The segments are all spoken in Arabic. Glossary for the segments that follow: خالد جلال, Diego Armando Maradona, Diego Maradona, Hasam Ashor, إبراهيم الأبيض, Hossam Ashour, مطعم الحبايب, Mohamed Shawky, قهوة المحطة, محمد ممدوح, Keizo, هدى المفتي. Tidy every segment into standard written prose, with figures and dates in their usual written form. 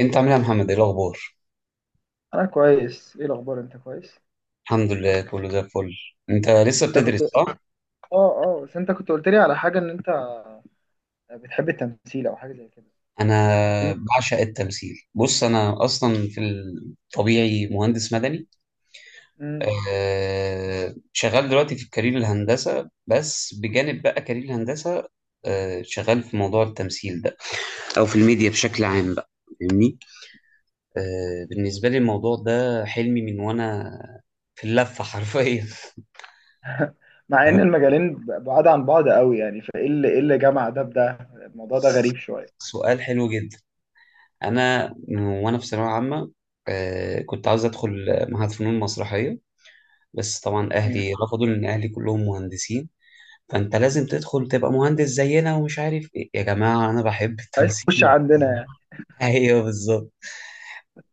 انت عامل ايه يا محمد، ايه الاخبار؟ انا كويس، ايه الاخبار؟ انت كويس؟ الحمد لله، كله زي الفل. انت لسه انت كنت بتدرس، اه صح؟ اه بس انت كنت قلت لي على حاجه ان انت بتحب التمثيل او حاجه زي كده. انا الم- بعشق التمثيل. بص، انا اصلا في الطبيعي مهندس مدني. مم. شغال دلوقتي في كارير الهندسه، بس بجانب بقى كارير الهندسه شغال في موضوع التمثيل ده، او في الميديا بشكل عام بقى، فاهمني. بالنسبه لي الموضوع ده حلمي من وانا في اللفه حرفيا. مع ان المجالين بعاد عن بعض قوي يعني، فايه اللي ايه اللي جمع ده بده؟ الموضوع ده غريب شويه. سؤال حلو جدا. انا وانا في ثانويه عامه، كنت عاوز ادخل معهد فنون مسرحيه، بس طبعا مم. اهلي رفضوا لان اهلي كلهم مهندسين. فانت لازم تدخل تبقى مهندس زينا، ومش عارف ايه، يا جماعه انا بحب عايز التمثيل تخش عندنا يعني. ايوه بالظبط.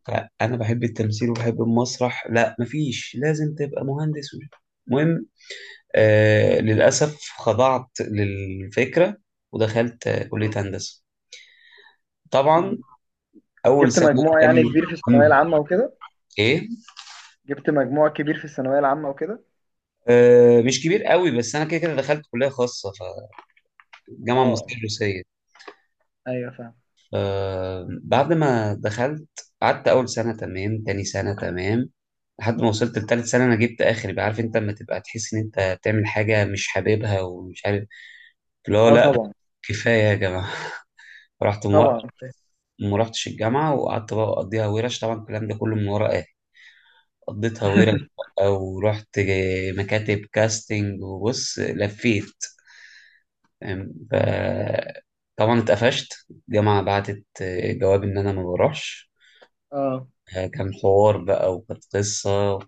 فانا بحب التمثيل وبحب المسرح، لا مفيش، لازم تبقى مهندس المهم. للاسف خضعت للفكره، ودخلت مم. كليه هندسه، طبعا مم. اول جبت سنه. مجموع قال لي، يعني كبير في الثانويه مم، العامه وكده؟ ايه؟ جبت مجموع كبير في الثانويه العامه وكده؟ مش كبير قوي، بس انا كده كده دخلت كليه خاصه، اه فالجامعه المصريه آه. الروسيه. ايوه فاهم. بعد ما دخلت قعدت اول سنه تمام، تاني سنه تمام، لحد ما وصلت لتالت سنه انا جبت اخر بقى. عارف انت لما تبقى تحس ان انت بتعمل حاجه مش حاببها، ومش عارف اللي هو، اه لا طبعا. كفايه يا جماعه. رحت موقف، طبعا فاهم. ما رحتش الجامعه، وقعدت بقى اقضيها ورش، طبعا الكلام ده كله من ورا اهلي. قضيتها ورش بقى، ورحت مكاتب كاستنج. وبص لفيت، أم، ف- طبعا اتقفشت. الجامعة بعتت جواب إن أنا ما بروحش. اه. كان حوار بقى وكانت قصة،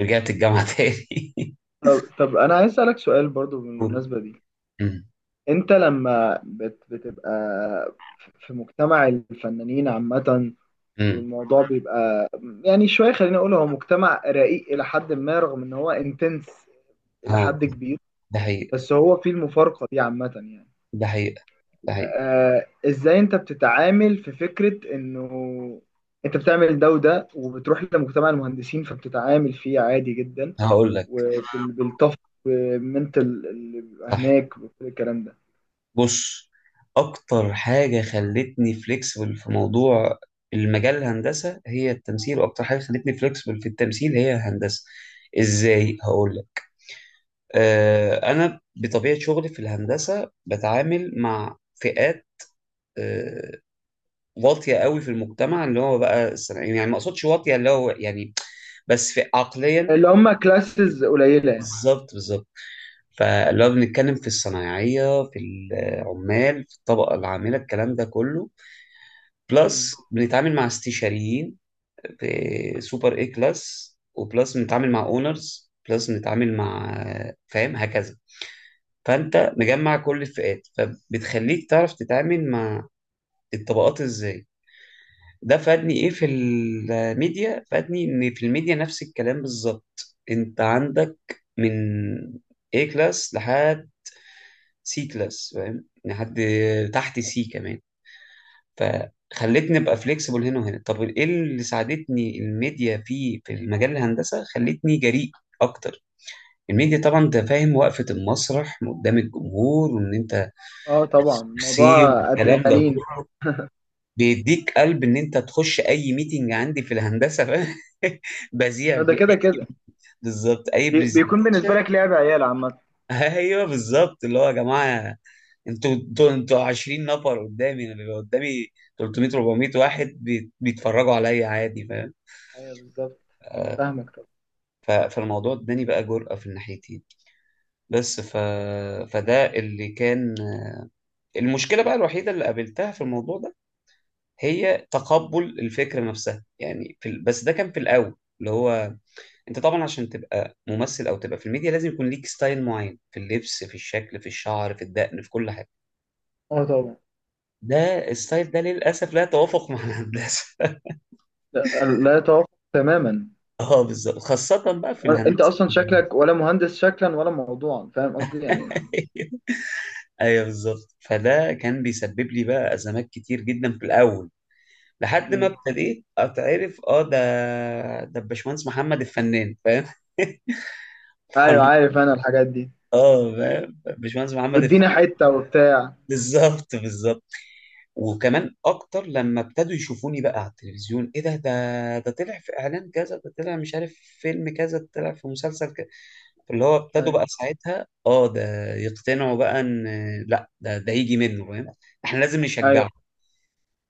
رجعت الجامعة تاني. طب انا عايز اسالك سؤال برضو أمم، بالمناسبه دي. انت بتبقى في مجتمع الفنانين عامة، أمم. والموضوع بيبقى يعني شوية، خليني اقول هو مجتمع رقيق الى حد ما، رغم ان هو انتنس الى اه، حد كبير. ده حقيقة، بس هو فيه المفارقة دي عامة يعني. ده حقيقة، ده حقيقة. آه، ازاي انت بتتعامل في فكرة انه انت بتعمل ده وده وبتروح لمجتمع المهندسين فبتتعامل فيه عادي جدا هقول لك. وبالطف بالمنتال اللي بيبقى صح. هناك وكل الكلام ده؟ بص، أكتر حاجة خلتني فليكسبل في موضوع المجال الهندسة هي التمثيل، وأكتر حاجة خلتني فليكسبل في التمثيل هي الهندسة. إزاي، هقول لك. أنا بطبيعة شغلي في الهندسة بتعامل مع فئات آه، واطية قوي في المجتمع، اللي هو بقى الصناعيين. يعني ما أقصدش واطية اللي هو، يعني بس في عقليا. اللي هم كلاسز قليله يعني. بالظبط بالظبط. فلو بنتكلم في الصنايعية، في العمال، في الطبقة العاملة الكلام ده كله، مم. بلس بنتعامل مع استشاريين في سوبر اي كلاس، وبلس بنتعامل مع اونرز، بلس بنتعامل مع، فاهم هكذا. فانت مجمع كل الفئات، فبتخليك تعرف تتعامل مع الطبقات ازاي. ده فادني ايه في الميديا؟ فادني ان في الميديا نفس الكلام بالظبط. انت عندك من A كلاس لحد سي كلاس، فاهم، لحد تحت سي كمان. فخلتني ابقى فليكسبل هنا وهنا. طب ايه اللي ساعدتني الميديا في المجال الهندسه؟ خلتني جريء اكتر. الميديا طبعا، انت فاهم وقفه المسرح قدام الجمهور، وان انت اه طبعا، موضوع سي والكلام ده ادرينالين كله، بيديك قلب ان انت تخش اي ميتنج عندي في الهندسه، فاهم. بذيع ده في اي، كده كده. بالظبط، اي بيكون بالنسبة برزنتيشن. لك لعب عيال عامة. ايوه بالظبط. اللي هو يا جماعه، انتوا 20 نفر قدامي، انا بيبقى قدامي 300 400 واحد بيتفرجوا عليا عادي، فاهم. ايوه بالظبط. فاهمك طبعا. فالموضوع اداني بقى جرأة في الناحيتين، بس فده اللي كان. المشكلة بقى الوحيدة اللي قابلتها في الموضوع ده هي تقبل الفكرة نفسها، يعني بس ده كان في الأول. اللي هو، انت طبعا عشان تبقى ممثل او تبقى في الميديا لازم يكون ليك ستايل معين في اللبس، في الشكل، في الشعر، في الدقن، في كل حاجة. اه طبعا. ده الستايل ده للأسف لا يتوافق مع الهندسة. لا, لا يتوافق تماما. اه بالظبط، خاصة بقى في انت الهندسة. اصلا شكلك ولا مهندس، شكلا ولا موضوعا، فاهم قصدي يعني. ايوه بالظبط. فده كان بيسبب لي بقى أزمات كتير جدا في الأول، لحد ما مم. ابتديت اتعرف. اه، ده الباشمهندس محمد الفنان، فاهم. ايوه عارف انا الحاجات دي. اه فاهم، باشمهندس محمد وادينا الفقي. حته وبتاع. بالظبط بالظبط. وكمان اكتر لما ابتدوا يشوفوني بقى على التلفزيون، ايه ده طلع في اعلان كذا، ده طلع مش عارف في فيلم كذا، ده طلع في مسلسل كذا. اللي هو ابتدوا ايوه. بقى ساعتها، اه، ده يقتنعوا بقى ان لا، ده يجي منه، فاهم. احنا لازم ايوه نشجعه.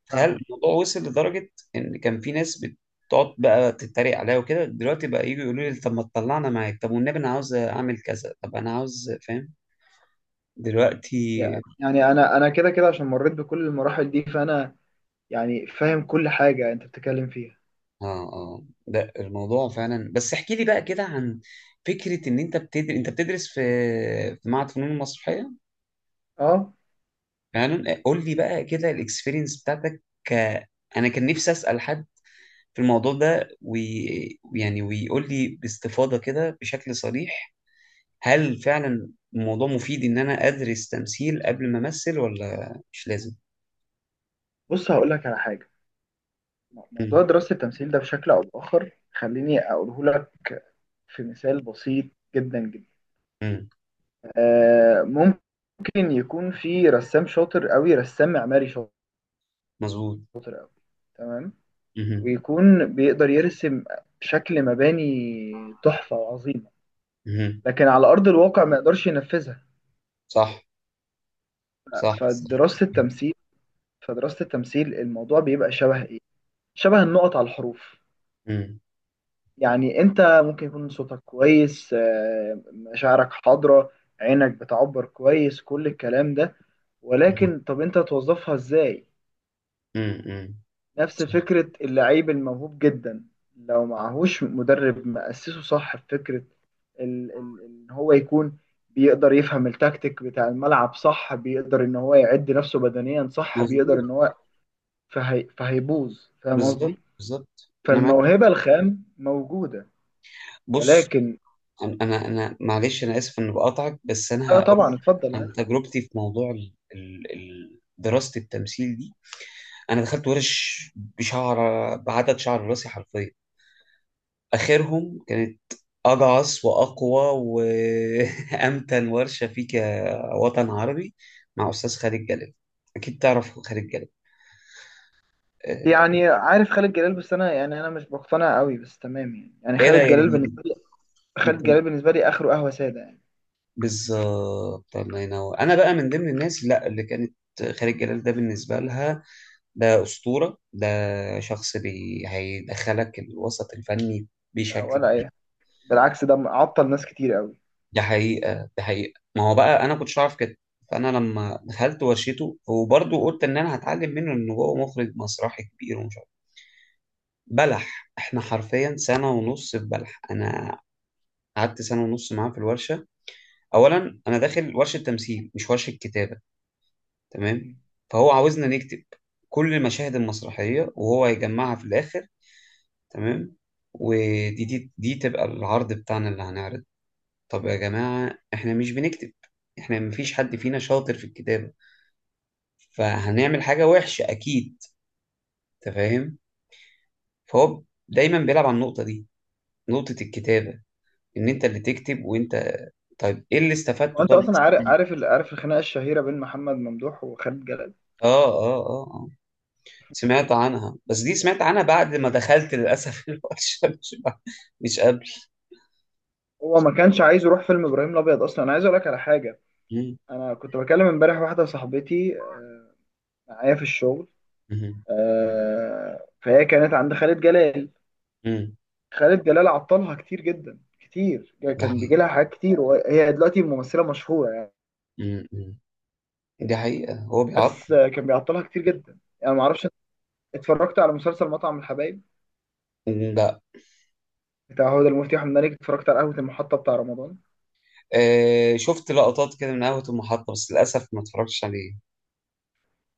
تخيل فاهم. الموضوع وصل لدرجة ان كان في ناس بتقعد بقى تتريق عليا وكده، دلوقتي بقى يجوا يقولوا لي طب ما تطلعنا معاك، طب والنبي انا عاوز اعمل كذا، طب انا عاوز، فاهم، دلوقتي. يعني انا كده كده عشان مريت بكل المراحل دي، فانا يعني فاهم كل حاجه انت بتتكلم فيها. اه، اه، ده الموضوع فعلا. بس احكي لي بقى كده عن فكرة ان انت بتدرس في معهد فنون المسرحية اه. فعلا. قول لي بقى كده الاكسبيرينس بتاعتك ك... انا كان نفسي اسأل حد في الموضوع ده يعني ويقول لي باستفاضة كده بشكل صريح هل فعلا الموضوع مفيد ان انا ادرس تمثيل قبل ما امثل، ولا مش لازم. بص هقول لك على حاجه. امم، موضوع دراسة التمثيل ده بشكل أو بآخر خليني أقوله لك في مثال بسيط جدا جدا. امم. آه، ممكن يكون في رسام شاطر قوي، رسام معماري شاطر مظبوط. أوي، تمام، امم، ويكون بيقدر يرسم شكل مباني تحفة وعظيمة، امم. لكن على أرض الواقع ما يقدرش ينفذها. صح، صح، صح. فدراسة التمثيل فدراسة التمثيل الموضوع بيبقى شبه إيه؟ شبه النقط على الحروف. امم، يعني انت ممكن يكون صوتك كويس، آه، مشاعرك حاضرة، عينك بتعبر كويس، كل الكلام ده، ولكن طب انت توظفها ازاي؟ امم، إمم. نفس فكرة اللعيب الموهوب جدا، لو معهوش مدرب مأسسه صح في فكرة ان هو يكون بيقدر يفهم التكتيك بتاع الملعب، صح بيقدر ان هو يعد نفسه بدنيا، صح بيقدر ان مظبوط. هو، فهي فهيبوظ. فاهم قصدي؟ بالظبط بالظبط، انا معاك. فالموهبة الخام موجودة بص، ولكن. انا معلش، انا اسف اني بقاطعك، بس اه انا هقول طبعا لك اتفضل. عن تجربتي في موضوع دراسه التمثيل دي. انا دخلت ورش بشعر، بعدد شعر راسي حرفيا. اخرهم كانت اجعص واقوى وامتن ورشه فيك يا وطن عربي مع استاذ خالد جلال. اكيد تعرف خالد جلال. آه، يعني عارف خالد جلال، بس انا يعني انا مش مقتنع قوي، بس تمام يعني. ايه ده يعني؟ انت. خالد جلال بالنسبه لي اخره قهوه ساده يعني. بالظبط، الله ينور. انا بقى من ضمن الناس، لا اللي كانت خالد جلال ده بالنسبه لها ده اسطوره، ده شخص هيدخلك الوسط الفني ولا بشكل. اي حاجة. بالعكس، ده عطل ناس كتير قوي. ده حقيقه، ده حقيقه، ما هو بقى انا كنتش اعرف كده. فانا لما دخلت ورشته وبرضه قلت ان انا هتعلم منه، ان هو مخرج مسرحي كبير ومش عارف. بلح، احنا حرفيا سنه ونص في بلح. انا قعدت سنه ونص معاه في الورشه. اولا، انا داخل ورشه تمثيل مش ورشه كتابه، تمام. مم. فهو عاوزنا نكتب كل المشاهد المسرحية وهو هيجمعها في الآخر، تمام. ودي دي, دي تبقى العرض بتاعنا اللي هنعرض. طب يا جماعة، إحنا مش بنكتب، إحنا مفيش حد فينا شاطر في الكتابة، فهنعمل حاجة وحشة أكيد. أنت فاهم. فهو دايما بيلعب على النقطة دي، نقطة الكتابة، إن أنت اللي تكتب. وأنت، طيب إيه اللي استفدته، وانت طب؟ اصلا عارف، عارف الخناقه الشهيره بين محمد ممدوح وخالد جلال. آه، آه، آه، آه. سمعت عنها، بس دي سمعت عنها بعد ما دخلت للأسف الورشة، مش قبل. هو ما كانش عايز يروح فيلم ابراهيم الابيض اصلا. انا عايز اقول لك على حاجه. مم. انا كنت بكلم امبارح واحده صاحبتي، آه، معايا في الشغل. مم. آه، فهي كانت عند خالد جلال. مم. خالد جلال عطلها كتير جدا كتير. ده كان بيجي حقيقي. لها حاجات كتير، وهي دلوقتي ممثله مشهوره. مم. مم. دي حقيقة، هو بيعطل. بس آه، كان بيعطلها كتير جدا يعني، ما اعرفش. اتفرجت على مسلسل مطعم الحبايب مم. لا. بتاع هدى المفتي واحمد مالك؟ اتفرجت على قهوة المحطة بتاع رمضان؟ آه شفت لقطات كده من قهوة المحطة، بس للأسف ما اتفرجتش عليه.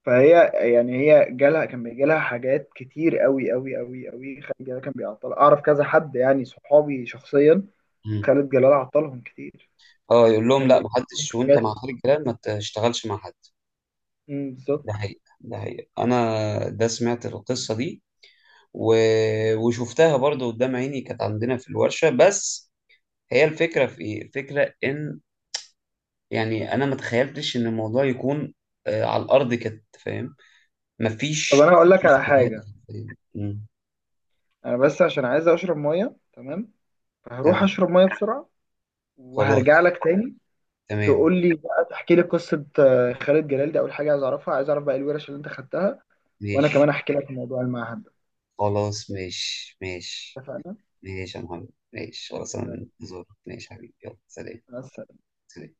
فهي يعني هي جالها، كان بيجي لها حاجات كتير قوي قوي قوي قوي، خالد جلال كان بيعطلها. اعرف كذا حد يعني صحابي شخصيا مم. خالد جلال عطلهم كتير. اه، يقول لهم كان لا بيجي لهم محدش، وانت حاجات. مع خالد جلال ما تشتغلش مع حد. أمم، بالظبط. ده حقيقة، ده حقيقة، انا ده سمعت القصة دي و... وشفتها برضو قدام عيني، كانت عندنا في الورشة بس. هي الفكرة في ايه؟ الفكرة ان يعني انا ما تخيلتش ان الموضوع يكون على الارض كده، فاهم. طب مفيش انا هقول لك على استغلال. حاجة. مم. انا بس عشان عايز اشرب مية، تمام، فهروح تمام. اشرب مية بسرعة وهرجع خلاص. لك تاني. تمام. تقول لي بقى تحكي لي قصة آه، خالد جلال دي، أول حاجة عايز أعرفها، عايز أعرف بقى الورش اللي أنت خدتها، وأنا ماشي، كمان أحكي لك عن موضوع المعهد ده. خلاص ماشي ماشي. اتفقنا؟ ماشي يا محمد، ماشي خلاص. انا يلا، منتظرك. ماشي يا حبيبي، يلا، سلام. مع السلامة. سلام.